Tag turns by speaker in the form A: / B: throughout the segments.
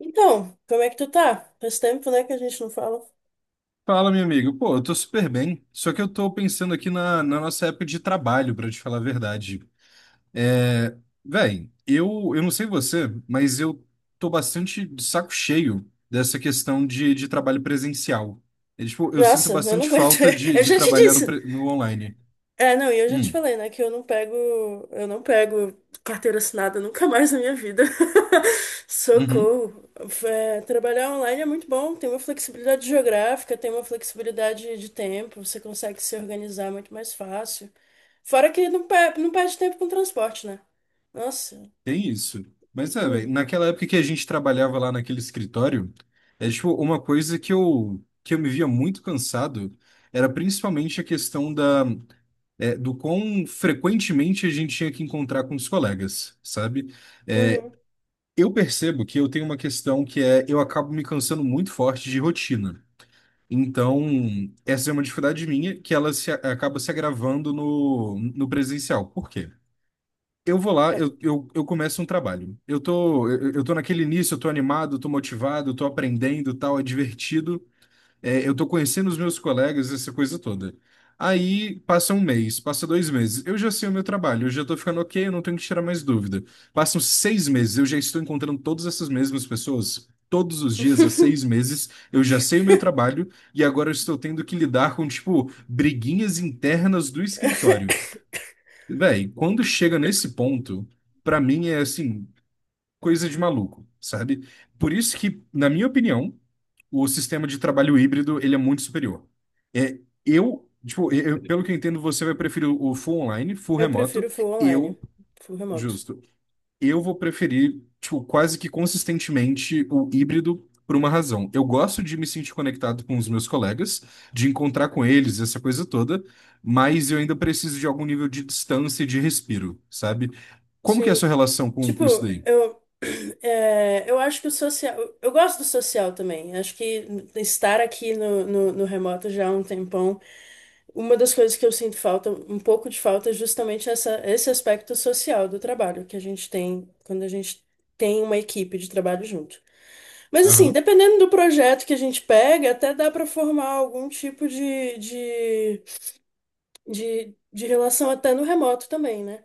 A: Então, como é que tu tá? Faz tempo, né, que a gente não fala.
B: Fala, meu amigo. Pô, eu tô super bem. Só que eu tô pensando aqui na nossa época de trabalho, pra te falar a verdade. É, véi, eu não sei você, mas eu tô bastante de saco cheio dessa questão de trabalho presencial. É, tipo, eu sinto
A: Nossa, eu não
B: bastante
A: aguento.
B: falta de,
A: Eu
B: de
A: já te
B: trabalhar no,
A: disse.
B: pre- no online.
A: É, não, e eu já te
B: Hum.
A: falei, né, que eu não pego carteira assinada nunca mais na minha vida.
B: Uhum.
A: Socorro. É, trabalhar online é muito bom, tem uma flexibilidade geográfica, tem uma flexibilidade de tempo, você consegue se organizar muito mais fácil. Fora que não perde tempo com transporte, né? Nossa.
B: Tem isso. Mas é, véi, naquela época que a gente trabalhava lá naquele escritório, é tipo, uma coisa que que eu me via muito cansado era principalmente a questão da do quão frequentemente a gente tinha que encontrar com os colegas, sabe? É,
A: Uhum.
B: eu percebo que eu tenho uma questão que é eu acabo me cansando muito forte de rotina. Então, essa é uma dificuldade minha que ela se, acaba se agravando no presencial. Por quê? Eu vou lá,
A: Não.
B: eu começo um trabalho. Eu tô naquele início, eu tô animado, eu tô motivado, eu tô aprendendo, tal, é divertido. É, eu tô conhecendo os meus colegas, essa coisa toda. Aí passa um mês, passa 2 meses. Eu já sei o meu trabalho, eu já tô ficando ok, eu não tenho que tirar mais dúvida. Passam 6 meses, eu já estou encontrando todas essas mesmas pessoas. Todos os dias, há 6 meses, eu já sei o meu trabalho e agora eu estou tendo que lidar com, tipo, briguinhas internas do escritório. Véi, quando chega nesse ponto, pra mim é assim, coisa de maluco, sabe? Por isso que, na minha opinião, o sistema de trabalho híbrido, ele é muito superior. É, tipo, pelo que eu entendo, você vai preferir o full online, full
A: Eu
B: remoto.
A: prefiro full online,
B: Eu,
A: full remoto.
B: justo, eu vou preferir, tipo, quase que consistentemente o híbrido por uma razão. Eu gosto de me sentir conectado com os meus colegas, de encontrar com eles, essa coisa toda, mas eu ainda preciso de algum nível de distância e de respiro, sabe? Como que é a
A: Sim.
B: sua relação com isso
A: Tipo,
B: daí?
A: eu, eu acho que o social. Eu gosto do social também. Acho que estar aqui no remoto já há um tempão, uma das coisas que eu sinto falta, um pouco de falta, é justamente essa, esse aspecto social do trabalho que a gente tem quando a gente tem uma equipe de trabalho junto. Mas assim, dependendo do projeto que a gente pega, até dá para formar algum tipo de relação até no remoto também, né?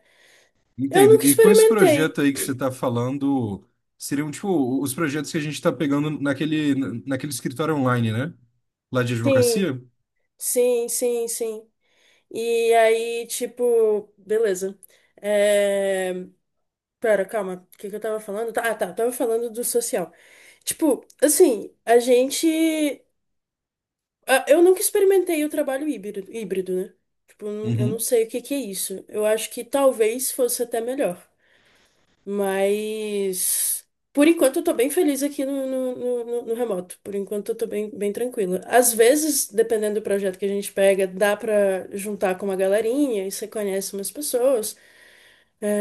A: Eu
B: Entendo.
A: nunca
B: E com esse
A: experimentei.
B: projeto aí que você está falando, seriam tipo os projetos que a gente está pegando naquele escritório online, né? Lá de
A: Sim,
B: advocacia?
A: sim, sim, sim. E aí, tipo, beleza. É... Pera, calma, o que que eu tava falando? Ah, tá, eu tava falando do social. Tipo, assim, a gente. Ah, eu nunca experimentei o trabalho híbrido, híbrido, né? Tipo, eu não
B: Uhum.
A: sei o que que é isso. Eu acho que talvez fosse até melhor. Mas, por enquanto, eu tô bem feliz aqui no remoto. Por enquanto, eu tô bem, bem tranquila. Às vezes, dependendo do projeto que a gente pega, dá pra juntar com uma galerinha e você conhece umas pessoas.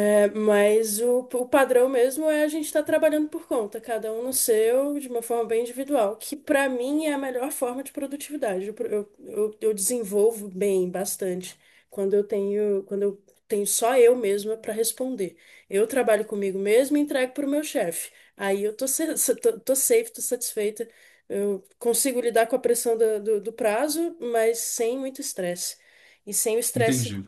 A: É, mas o padrão mesmo é a gente estar trabalhando por conta, cada um no seu, de uma forma bem individual, que para mim é a melhor forma de produtividade. Eu desenvolvo bem, bastante, quando eu tenho só eu mesma para responder. Eu trabalho comigo mesma e entrego para o meu chefe. Aí eu tô safe, tô satisfeita. Eu consigo lidar com a pressão do prazo, mas sem muito estresse. E sem o estresse
B: Entendi.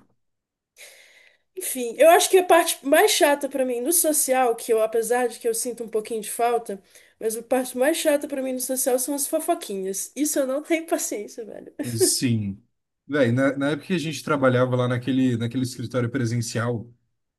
A: enfim, eu acho que a parte mais chata pra mim no social, que eu, apesar de que eu sinto um pouquinho de falta, mas a parte mais chata pra mim no social são as fofoquinhas. Isso eu não tenho paciência, velho.
B: Sim. Véi, na época que a gente trabalhava lá naquele escritório presencial,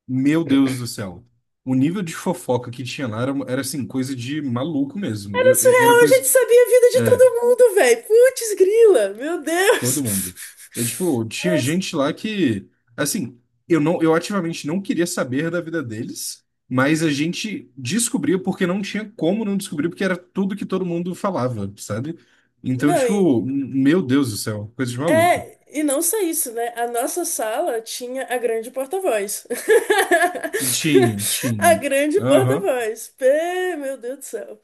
B: meu Deus do céu. O nível de fofoca que tinha lá era assim, coisa de maluco mesmo.
A: Era
B: Era
A: surreal, a
B: coisa.
A: gente sabia a vida de
B: É,
A: todo mundo, velho. Putz, grila, meu
B: todo
A: Deus.
B: mundo. Tipo, tinha
A: Nossa.
B: gente lá que. Assim, eu não, eu ativamente não queria saber da vida deles, mas a gente descobria porque não tinha como não descobrir, porque era tudo que todo mundo falava, sabe? Então,
A: Não,
B: tipo,
A: e.
B: meu Deus do céu, coisa de maluco.
A: É, e não só isso, né? A nossa sala tinha a grande porta-voz.
B: Tinha,
A: A
B: tinha.
A: grande
B: Aham.
A: porta-voz. Meu Deus do céu.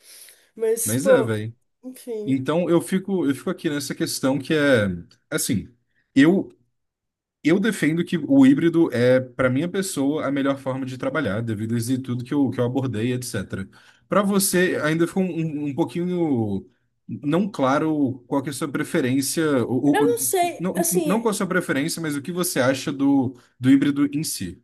A: Mas,
B: Mas é,
A: pô,
B: velho.
A: enfim.
B: Então eu fico aqui nessa questão que é assim, eu eu defendo que o híbrido é, para minha pessoa, a melhor forma de trabalhar, devido a isso e tudo que que eu abordei, etc. Para você, ainda ficou um pouquinho não claro qual que é a sua preferência,
A: Eu não sei,
B: não, não
A: assim,
B: qual a sua preferência, mas o que você acha do híbrido em si.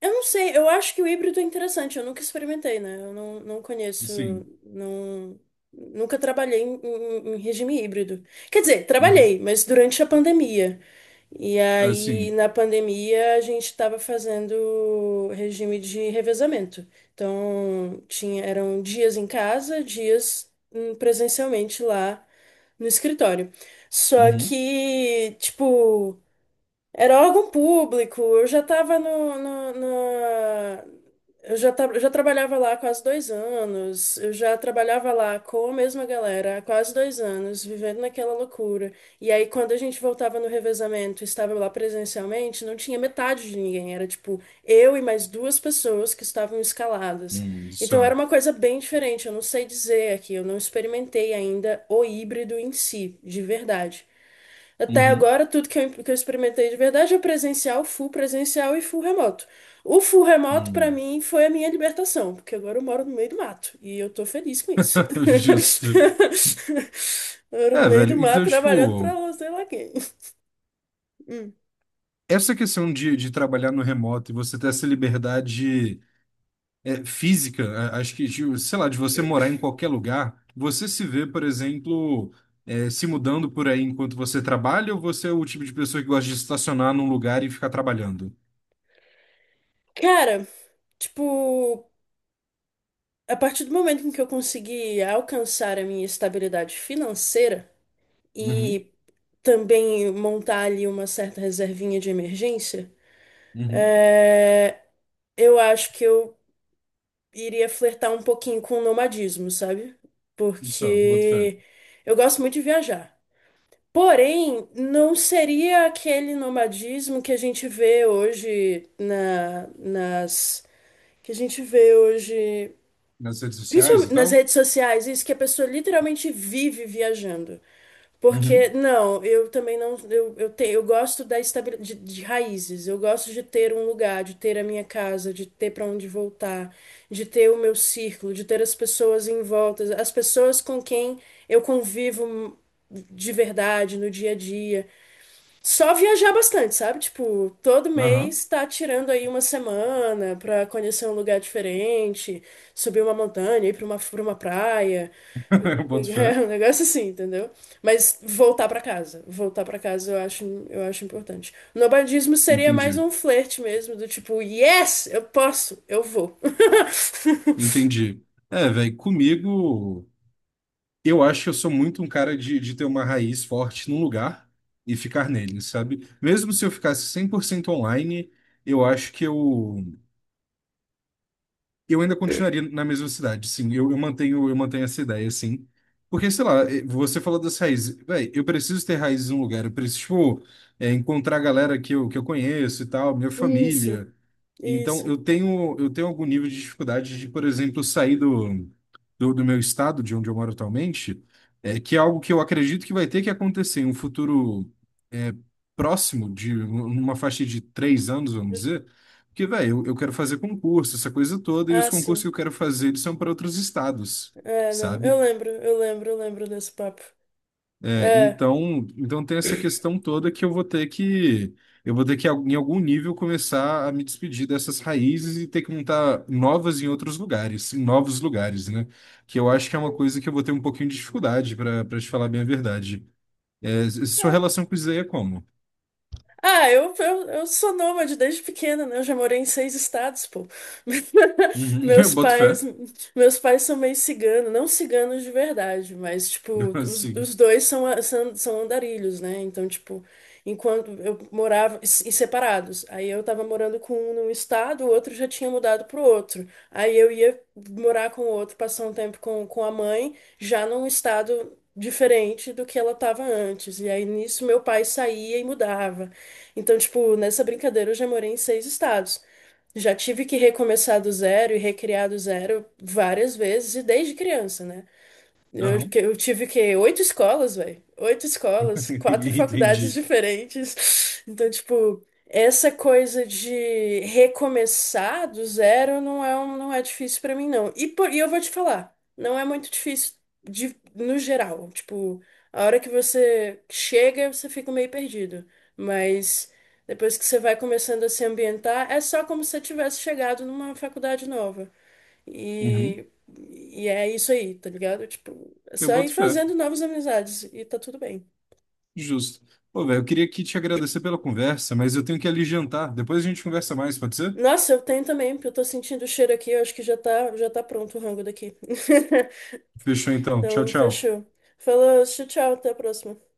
A: eu não sei, eu acho que o híbrido é interessante, eu nunca experimentei, né? Eu não conheço,
B: Sim.
A: não, nunca trabalhei em regime híbrido. Quer dizer,
B: Uhum.
A: trabalhei, mas durante a pandemia. E aí,
B: Assim.
A: na pandemia, a gente estava fazendo regime de revezamento. Então, tinha, eram dias em casa, dias presencialmente lá no escritório. Só
B: Uhum.
A: que, tipo. Era órgão público, eu já estava no, no, na- Eu já trabalhava lá há quase 2 anos, eu já trabalhava lá com a mesma galera há quase 2 anos, vivendo naquela loucura. E aí, quando a gente voltava no revezamento, e estava lá presencialmente, não tinha metade de ninguém, era tipo eu e mais duas pessoas que estavam escaladas. Então, era
B: Só.
A: uma coisa bem diferente, eu não sei dizer aqui, eu não experimentei ainda o híbrido em si, de verdade. Até
B: Uhum.
A: agora, tudo que eu experimentei de verdade é presencial, full presencial e full remoto. O full remoto, pra
B: Hum.
A: mim, foi a minha libertação, porque agora eu moro no meio do mato e eu tô feliz com isso.
B: Justo.
A: Eu moro no
B: É,
A: meio do
B: velho, então,
A: mato trabalhando
B: tipo,
A: pra não sei lá quem. Hum.
B: essa questão de trabalhar no remoto e você ter essa liberdade é, física, acho que, de, sei lá, de você morar em qualquer lugar, você se vê, por exemplo, se mudando por aí enquanto você trabalha, ou você é o tipo de pessoa que gosta de estacionar num lugar e ficar trabalhando?
A: Cara, tipo, a partir do momento em que eu consegui alcançar a minha estabilidade financeira
B: Uhum,
A: e também montar ali uma certa reservinha de emergência,
B: uhum.
A: é, eu acho que eu iria flertar um pouquinho com o nomadismo, sabe?
B: Só, boto fé.
A: Porque eu gosto muito de viajar. Porém, não seria aquele nomadismo que a gente vê hoje na, nas que a gente vê hoje
B: Nas redes sociais e
A: principalmente nas
B: tal?
A: redes sociais, isso que a pessoa literalmente vive viajando. Porque,
B: Uhum,
A: não, eu também não. Eu gosto da estabilidade de raízes. Eu gosto de ter um lugar, de ter a minha casa, de ter para onde voltar, de ter o meu círculo, de ter as pessoas em volta, as pessoas com quem eu convivo de verdade no dia a dia. Só viajar bastante, sabe? Tipo, todo
B: aham,
A: mês tá tirando aí uma semana pra conhecer um lugar diferente, subir uma montanha, ir pra uma praia.
B: boto
A: É
B: fé.
A: um negócio assim, entendeu? Mas voltar pra casa. Voltar pra casa eu acho importante. O nobadismo seria mais
B: Entendi,
A: um flerte mesmo, do tipo, yes, eu posso, eu vou.
B: entendi. É, velho, comigo. Eu acho que eu sou muito um cara de ter uma raiz forte num lugar e ficar nele, sabe? Mesmo se eu ficasse 100% online, eu acho que eu ainda continuaria na mesma cidade, sim. Eu mantenho essa ideia, sim. Porque, sei lá, você falou das raízes. Véi, eu preciso ter raízes num lugar, eu preciso, tipo, encontrar a galera que que eu conheço e tal, minha
A: Isso,
B: família. Então,
A: isso.
B: eu tenho algum nível de dificuldade de, por exemplo, sair do meu estado, de onde eu moro atualmente, que é algo que eu acredito que vai ter que acontecer em um futuro é, próximo, de uma faixa de 3 anos, vamos dizer, porque, velho, eu quero fazer concurso, essa coisa toda, e os
A: Ah,
B: concursos que
A: sim.
B: eu quero fazer, eles são para outros estados,
A: É, não. Eu
B: sabe?
A: lembro, eu lembro, eu lembro desse papo.
B: É,
A: É.
B: então tem essa questão toda que eu vou ter que em algum nível começar a me despedir dessas raízes e ter que montar novas em outros lugares, em novos lugares, né? Que eu acho que é uma coisa que eu vou ter um pouquinho de dificuldade para te falar bem a verdade. É, sua relação com isso aí é como?
A: Ah, eu sou nômade desde pequena, né? Eu já morei em seis estados, pô.
B: Uhum, eu
A: Meus
B: boto
A: pais,
B: fé.
A: meus pais são meio ciganos, não ciganos de verdade, mas, tipo, os,
B: Assim.
A: os dois são andarilhos, né? Então, tipo, enquanto eu morava, e separados, aí eu tava morando com um num estado, o outro já tinha mudado pro outro. Aí eu ia morar com o outro, passar um tempo com a mãe, já num estado diferente do que ela tava antes. E aí nisso meu pai saía e mudava. Então, tipo, nessa brincadeira eu já morei em seis estados. Já tive que recomeçar do zero e recriar do zero várias vezes, e desde criança, né? Eu,
B: Aham.
A: que- eu tive que oito escolas, velho. Oito escolas, quatro faculdades
B: Entendi.
A: diferentes. Então, tipo, essa coisa de recomeçar do zero não é difícil pra mim, não. E eu vou te falar, não é muito difícil de, no geral. Tipo, a hora que você chega, você fica meio perdido. Mas depois que você vai começando a se ambientar, é só como se você tivesse chegado numa faculdade nova.
B: Uhum,
A: E é isso aí, tá ligado? Tipo, é
B: eu
A: só ir
B: boto fé.
A: fazendo novas amizades e tá tudo bem.
B: Justo. Pô, velho, eu queria aqui te agradecer pela conversa, mas eu tenho que ali jantar. Depois a gente conversa mais, pode ser?
A: Nossa, eu tenho também, porque eu tô sentindo o cheiro aqui, eu acho que já tá pronto o rango daqui.
B: Fechou então. Tchau,
A: Então,
B: tchau.
A: fechou. Falou, tchau, tchau, até a próxima.